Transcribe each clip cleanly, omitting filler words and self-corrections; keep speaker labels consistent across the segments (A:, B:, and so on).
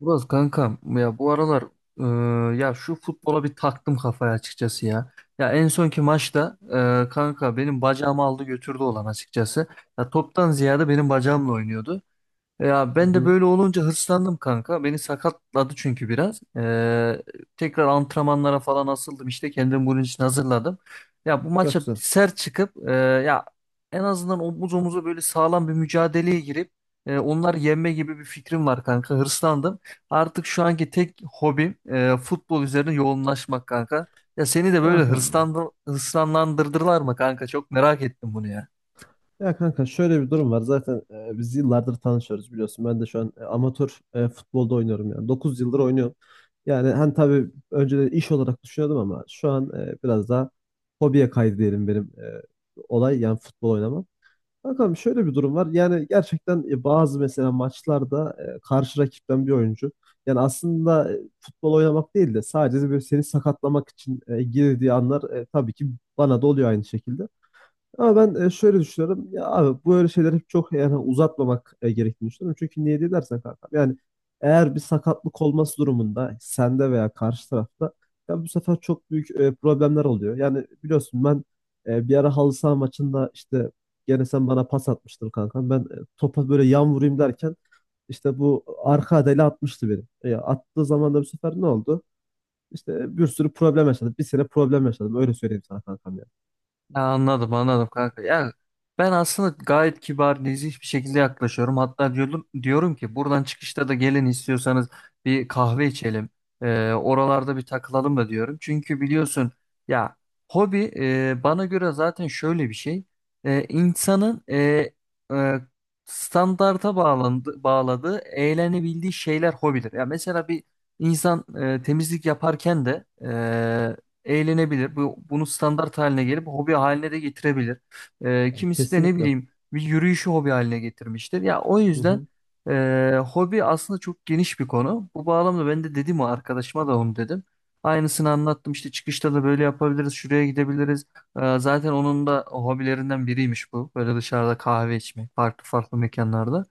A: Burası kankam ya bu aralar ya şu futbola bir taktım kafaya açıkçası ya. Ya en sonki maçta kanka benim bacağımı aldı götürdü olan açıkçası. Ya toptan ziyade benim bacağımla oynuyordu. Ya
B: Hı
A: ben de
B: hı.
A: böyle olunca hırslandım kanka. Beni sakatladı çünkü biraz. Tekrar antrenmanlara falan asıldım. İşte kendimi bunun için hazırladım. Ya bu
B: Çok
A: maça
B: güzel.
A: sert çıkıp ya en azından omuz omuza böyle sağlam bir mücadeleye girip onları yenme gibi bir fikrim var kanka. Hırslandım. Artık şu anki tek hobim futbol üzerine yoğunlaşmak kanka. Ya seni de böyle
B: Aha.
A: hırslanlandırdılar mı kanka? Çok merak ettim bunu ya.
B: Ya kanka şöyle bir durum var. Zaten biz yıllardır tanışıyoruz biliyorsun. Ben de şu an amatör futbolda oynuyorum yani. 9 yıldır oynuyorum. Yani hani tabii önceden iş olarak düşünüyordum ama şu an biraz daha hobiye kaydı diyelim benim olay yani futbol oynamam. Bakalım şöyle bir durum var. Yani gerçekten bazı mesela maçlarda karşı rakipten bir oyuncu yani aslında futbol oynamak değil de sadece böyle seni sakatlamak için girdiği anlar tabii ki bana da oluyor aynı şekilde. Ama ben şöyle düşünüyorum. Ya abi böyle şeyleri hep çok yani uzatmamak gerektiğini düşünüyorum. Çünkü niye diye dersen kanka. Yani eğer bir sakatlık olması durumunda sende veya karşı tarafta ya bu sefer çok büyük problemler oluyor. Yani biliyorsun ben bir ara halı saha maçında işte gene sen bana pas atmıştın kanka. Ben topa böyle yan vurayım derken işte bu arka adayla atmıştı beni. Attığı zaman da bu sefer ne oldu? İşte bir sürü problem yaşadım. Bir sene problem yaşadım. Öyle söyleyeyim sana kankam ya.
A: Ya anladım anladım kanka. Ya ben aslında gayet kibar, nezih bir şekilde yaklaşıyorum. Hatta diyorum ki buradan çıkışta da gelin istiyorsanız bir kahve içelim. Oralarda bir takılalım da diyorum. Çünkü biliyorsun ya hobi bana göre zaten şöyle bir şey. İnsanın e, bağladığı, eğlenebildiği şeyler hobidir. Ya mesela bir insan temizlik yaparken de eğlenebilir. Bunu standart haline gelip hobi haline de getirebilir.
B: Yani
A: Kimisi de ne
B: kesinlikle.
A: bileyim bir yürüyüşü hobi haline getirmiştir. Ya o
B: Hı
A: yüzden
B: hı.
A: hobi aslında çok geniş bir konu. Bu bağlamda ben de dedim, o arkadaşıma da onu dedim. Aynısını anlattım, işte çıkışta da böyle yapabiliriz, şuraya gidebiliriz. Zaten onun da hobilerinden biriymiş bu. Böyle dışarıda kahve içmek, farklı farklı mekanlarda.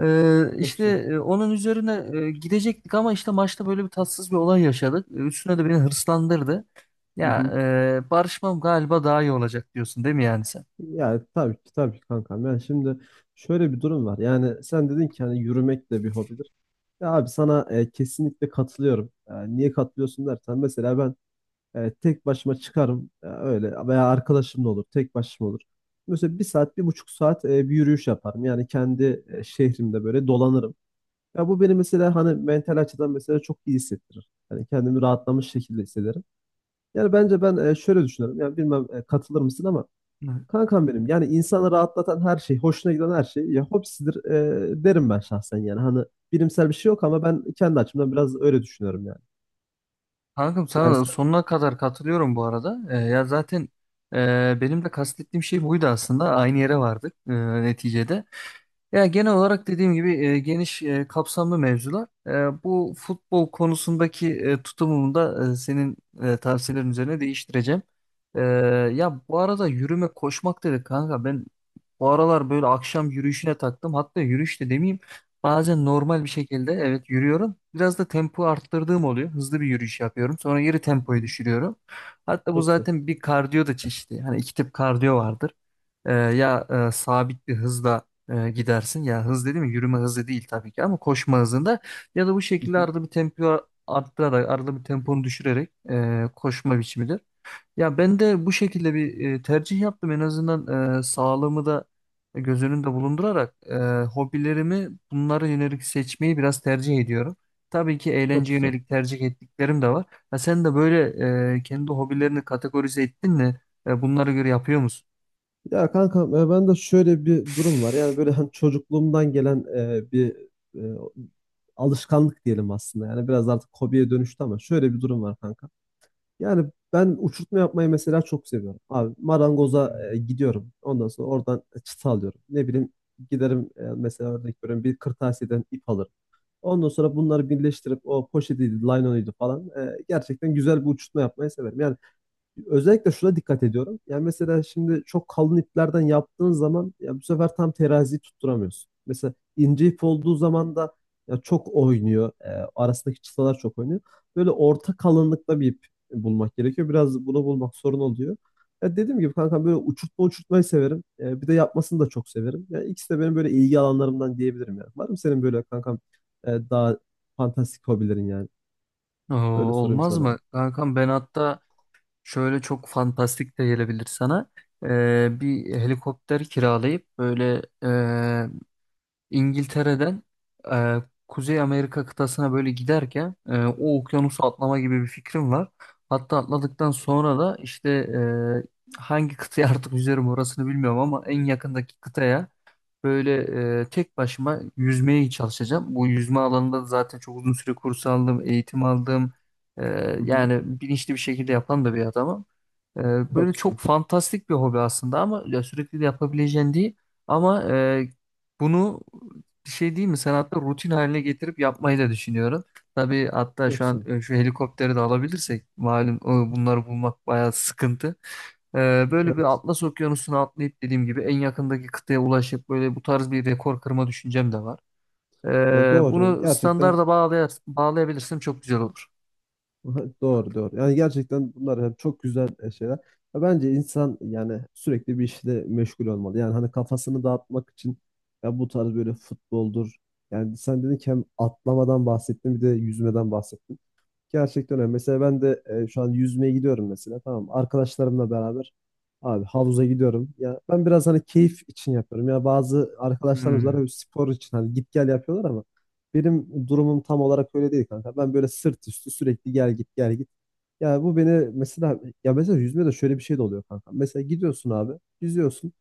A: Ee,
B: Çok
A: işte
B: güzel.
A: Onun üzerine gidecektik ama işte maçta böyle bir tatsız bir olay yaşadık. E, Üstüne de beni hırslandırdı.
B: Hı
A: Ya
B: hı.
A: Barışmam galiba daha iyi olacak diyorsun değil mi yani sen?
B: Yani tabii ki, tabii ki kankam. Yani şimdi şöyle bir durum var. Yani sen dedin ki hani yürümek de bir hobidir. Ya abi sana kesinlikle katılıyorum. Niye katılıyorsun dersen mesela ben tek başıma çıkarım, öyle veya arkadaşımla olur, tek başıma olur. Mesela bir saat, 1,5 saat bir yürüyüş yaparım. Yani kendi şehrimde böyle dolanırım. Ya bu beni mesela hani mental açıdan mesela çok iyi hissettirir. Yani kendimi rahatlamış şekilde hissederim. Yani bence ben şöyle düşünüyorum. Yani bilmem katılır mısın ama
A: Hı.
B: kankam benim, yani insanı rahatlatan her şey, hoşuna giden her şey ya hobisidir, derim ben şahsen yani. Hani bilimsel bir şey yok ama ben kendi açımdan biraz öyle düşünüyorum yani.
A: Kankam
B: Yani
A: sana da
B: sen...
A: sonuna kadar katılıyorum bu arada. Ya zaten benim de kastettiğim şey buydu aslında. Aynı yere vardık neticede. Ya genel olarak dediğim gibi geniş kapsamlı mevzular. Bu futbol konusundaki tutumumu da senin tavsiyelerin üzerine değiştireceğim. E, Ya bu arada yürüme koşmak dedik kanka. Ben bu aralar böyle akşam yürüyüşüne taktım. Hatta yürüyüş de demeyeyim. Bazen normal bir şekilde evet yürüyorum. Biraz da tempo arttırdığım oluyor. Hızlı bir yürüyüş yapıyorum. Sonra geri
B: Hı
A: tempoyu
B: hı.
A: düşürüyorum. Hatta bu
B: Çok güzel.
A: zaten bir kardiyo da çeşidi. Hani iki tip kardiyo vardır. Sabit bir hızla gidersin. Ya hız dedi mi? Yürüme hızı değil tabii ki ama koşma hızında ya da bu
B: Hı
A: şekilde
B: hı.
A: arada bir tempo arttırarak, arada bir temponu düşürerek koşma biçimidir. Ya ben de bu şekilde bir tercih yaptım. En azından sağlığımı da göz önünde bulundurarak hobilerimi bunlara yönelik seçmeyi biraz tercih ediyorum. Tabii ki
B: Çok
A: eğlence
B: güzel.
A: yönelik tercih ettiklerim de var. Ha, sen de böyle kendi hobilerini kategorize ettin mi? Bunlara göre yapıyor musun?
B: Ya kankam, ben de şöyle bir durum var. Yani böyle hani çocukluğumdan gelen bir e, alışkanlık diyelim aslında. Yani biraz artık hobiye dönüştü ama şöyle bir durum var kanka. Yani ben uçurtma yapmayı mesela çok seviyorum. Abi marangoza
A: Hmm.
B: gidiyorum. Ondan sonra oradan çıta alıyorum. Ne bileyim, giderim mesela örnek veriyorum, bir kırtasiyeden ip alırım. Ondan sonra bunları birleştirip o poşetiydi, laylonuydu falan, gerçekten güzel bir uçurtma yapmayı severim. Yani özellikle şuna dikkat ediyorum. Yani mesela şimdi çok kalın iplerden yaptığın zaman ya bu sefer tam teraziyi tutturamıyorsun. Mesela ince ip olduğu zaman da ya çok oynuyor, arasındaki çıtalar çok oynuyor. Böyle orta kalınlıkta bir ip bulmak gerekiyor. Biraz bunu bulmak sorun oluyor. Ya dediğim gibi kankam, böyle uçurtma uçurtmayı severim. E, bir de yapmasını da çok severim. Yani ikisi de benim böyle ilgi alanlarımdan diyebilirim yani. Var mı senin böyle kankam daha fantastik hobilerin yani?
A: Oo,
B: Öyle sorayım
A: olmaz mı?
B: sana.
A: Kankam ben hatta şöyle çok fantastik de gelebilir sana. Bir helikopter kiralayıp böyle İngiltere'den e, Kuzey Amerika kıtasına böyle giderken o okyanusu atlama gibi bir fikrim var. Hatta atladıktan sonra da işte hangi kıtaya artık yüzerim orasını bilmiyorum ama en yakındaki kıtaya böyle tek başıma yüzmeye çalışacağım. Bu yüzme alanında da zaten çok uzun süre kurs aldım, eğitim aldım. E,
B: Hı hı.
A: Yani bilinçli bir şekilde yapan da bir adamım. Ee, Böyle
B: Çok güzel.
A: çok fantastik bir hobi aslında ama ya sürekli de yapabileceğin değil. Ama e, Bunu bir şey değil mi? Sen hatta rutin haline getirip yapmayı da düşünüyorum. Tabii hatta
B: Çok
A: şu an
B: güzel.
A: şu helikopteri de alabilirsek malum bunları bulmak bayağı sıkıntı. Böyle bir
B: Evet.
A: Atlas Okyanusu'na atlayıp dediğim gibi en yakındaki kıtaya ulaşıp böyle bu tarz bir rekor kırma düşüncem de var.
B: Ya doğru.
A: Bunu
B: Gerçekten
A: standarda bağlay bağlayabilirsem çok güzel olur.
B: doğru, doğru. Yani gerçekten bunlar hep çok güzel şeyler. Ya bence insan yani sürekli bir işle meşgul olmalı. Yani hani kafasını dağıtmak için ya bu tarz böyle futboldur. Yani sen dedin ki hem atlamadan bahsettin, bir de yüzmeden bahsettin. Gerçekten öyle. Mesela ben de şu an yüzmeye gidiyorum mesela. Tamam. Arkadaşlarımla beraber abi havuza gidiyorum. Ya ben biraz hani keyif için yapıyorum. Ya bazı arkadaşlarımız var,
A: Hmm.
B: hep spor için hani git gel yapıyorlar ama benim durumum tam olarak öyle değil kanka. Ben böyle sırt üstü sürekli gel git, gel git. Ya bu beni mesela, ya mesela yüzmede şöyle bir şey de oluyor kanka. Mesela gidiyorsun abi, yüzüyorsun.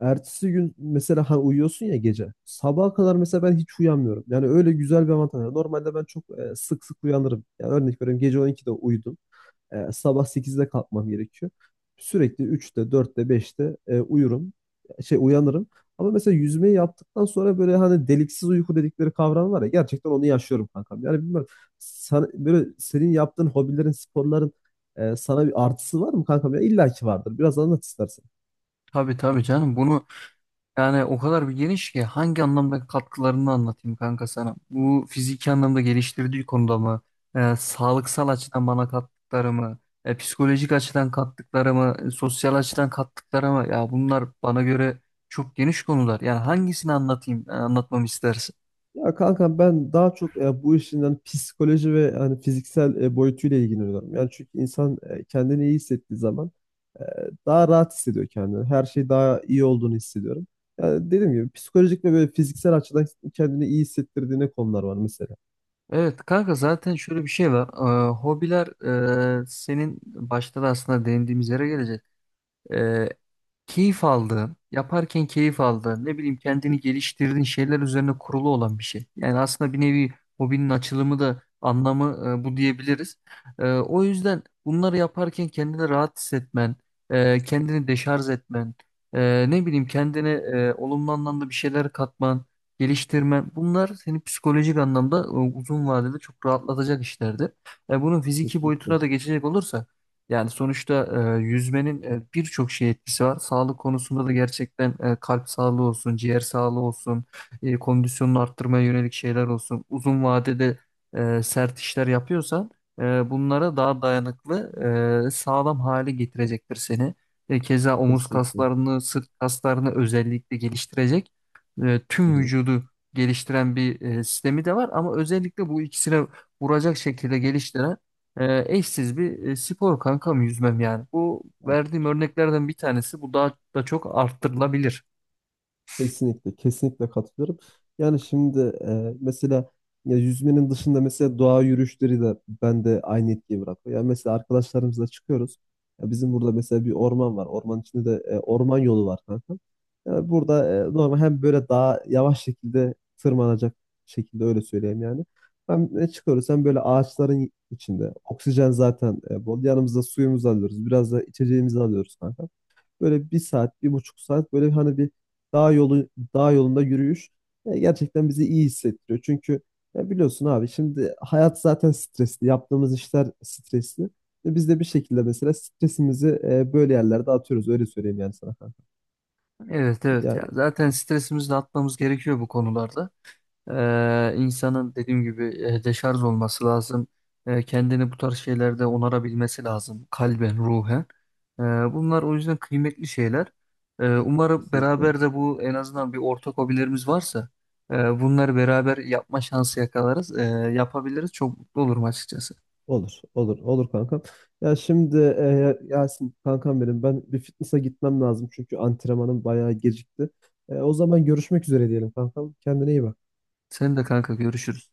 B: Ertesi gün mesela hani uyuyorsun ya gece. Sabaha kadar mesela ben hiç uyanmıyorum. Yani öyle güzel bir avantaj var. Normalde ben çok sık sık uyanırım. Yani örnek veriyorum, gece 12'de uyudum. Sabah 8'de kalkmam gerekiyor. Sürekli 3'te, 4'te, 5'te uyurum. Şey, uyanırım. Ama mesela yüzmeyi yaptıktan sonra böyle hani deliksiz uyku dedikleri kavram var ya, gerçekten onu yaşıyorum kankam. Yani bilmiyorum sana, böyle senin yaptığın hobilerin, sporların sana bir artısı var mı kankam? Ya illa ki vardır. Biraz anlat istersen.
A: Tabii tabii canım bunu yani o kadar bir geniş ki hangi anlamda katkılarını anlatayım kanka sana. Bu fiziki anlamda geliştirdiği konuda mı? Sağlıksal açıdan bana kattıkları, psikolojik açıdan kattıkları, sosyal açıdan kattıkları. Ya bunlar bana göre çok geniş konular. Yani hangisini anlatayım, anlatmamı istersin?
B: Ya kanka ben daha çok bu işinden psikoloji ve hani fiziksel boyutuyla ilgileniyorum. Yani çünkü insan kendini iyi hissettiği zaman e, daha rahat hissediyor kendini. Her şey daha iyi olduğunu hissediyorum. Yani dediğim gibi psikolojik ve böyle fiziksel açıdan kendini iyi hissettirdiğine konular var mesela.
A: Evet kanka, zaten şöyle bir şey var. Hobiler senin başta da aslında değindiğimiz yere gelecek. e, Keyif aldığın, yaparken keyif aldığın, ne bileyim kendini geliştirdiğin şeyler üzerine kurulu olan bir şey. Yani aslında bir nevi hobinin açılımı da anlamı bu diyebiliriz. O yüzden bunları yaparken kendini rahat hissetmen, kendini deşarj etmen, ne bileyim kendine olumlu anlamda bir şeyler katman, geliştirmen, bunlar seni psikolojik anlamda uzun vadede çok rahatlatacak işlerdir. Bunun fiziki
B: Kesinlikle.
A: boyutuna da geçecek olursak yani sonuçta yüzmenin birçok şey etkisi var. Sağlık konusunda da gerçekten kalp sağlığı olsun, ciğer sağlığı olsun, kondisyonunu arttırmaya yönelik şeyler olsun. Uzun vadede sert işler yapıyorsan bunlara daha dayanıklı, sağlam hale getirecektir seni. Keza omuz
B: Kesinlikle.
A: kaslarını, sırt kaslarını özellikle geliştirecek.
B: Hı
A: Tüm
B: hı.
A: vücudu geliştiren bir sistemi de var ama özellikle bu ikisine vuracak şekilde geliştiren eşsiz bir spor kankam yüzmem yani. Bu
B: Ya
A: verdiğim örneklerden bir tanesi. Bu daha da çok arttırılabilir.
B: kesinlikle, kesinlikle katılıyorum. Yani şimdi mesela, ya yüzmenin dışında mesela doğa yürüyüşleri de bende aynı etkiyi bırakıyor. Yani mesela arkadaşlarımızla çıkıyoruz. Ya bizim burada mesela bir orman var. Orman içinde de orman yolu var kanka. Yani burada normal hem böyle daha yavaş şekilde tırmanacak şekilde öyle söyleyeyim yani. Hem çıkıyoruz hem böyle ağaçların içinde. Oksijen zaten bol. Yanımızda suyumuzu alıyoruz. Biraz da içeceğimizi alıyoruz kanka. Böyle bir saat, 1,5 saat, böyle hani bir dağ yolu, dağ yolunda yürüyüş gerçekten bizi iyi hissettiriyor. Çünkü ya biliyorsun abi, şimdi hayat zaten stresli. Yaptığımız işler stresli. Ve biz de bir şekilde mesela stresimizi böyle yerlerde atıyoruz. Öyle söyleyeyim yani sana kanka.
A: Evet evet, ya
B: Yani
A: zaten stresimizi de atmamız gerekiyor bu konularda. İnsanın dediğim gibi deşarj olması lazım. Kendini bu tarz şeylerde onarabilmesi lazım, kalben, ruhen. E, Bunlar o yüzden kıymetli şeyler. Umarım
B: kesinlikle.
A: beraber de bu, en azından bir ortak hobilerimiz varsa e, bunları beraber yapma şansı yakalarız, yapabiliriz. Çok mutlu olurum açıkçası.
B: Olur, olur, olur kankam. Ya şimdi Yasin kankam benim, ben bir fitness'a gitmem lazım çünkü antrenmanım bayağı gecikti. O zaman görüşmek üzere diyelim kankam. Kendine iyi bak.
A: Sen de kanka, görüşürüz.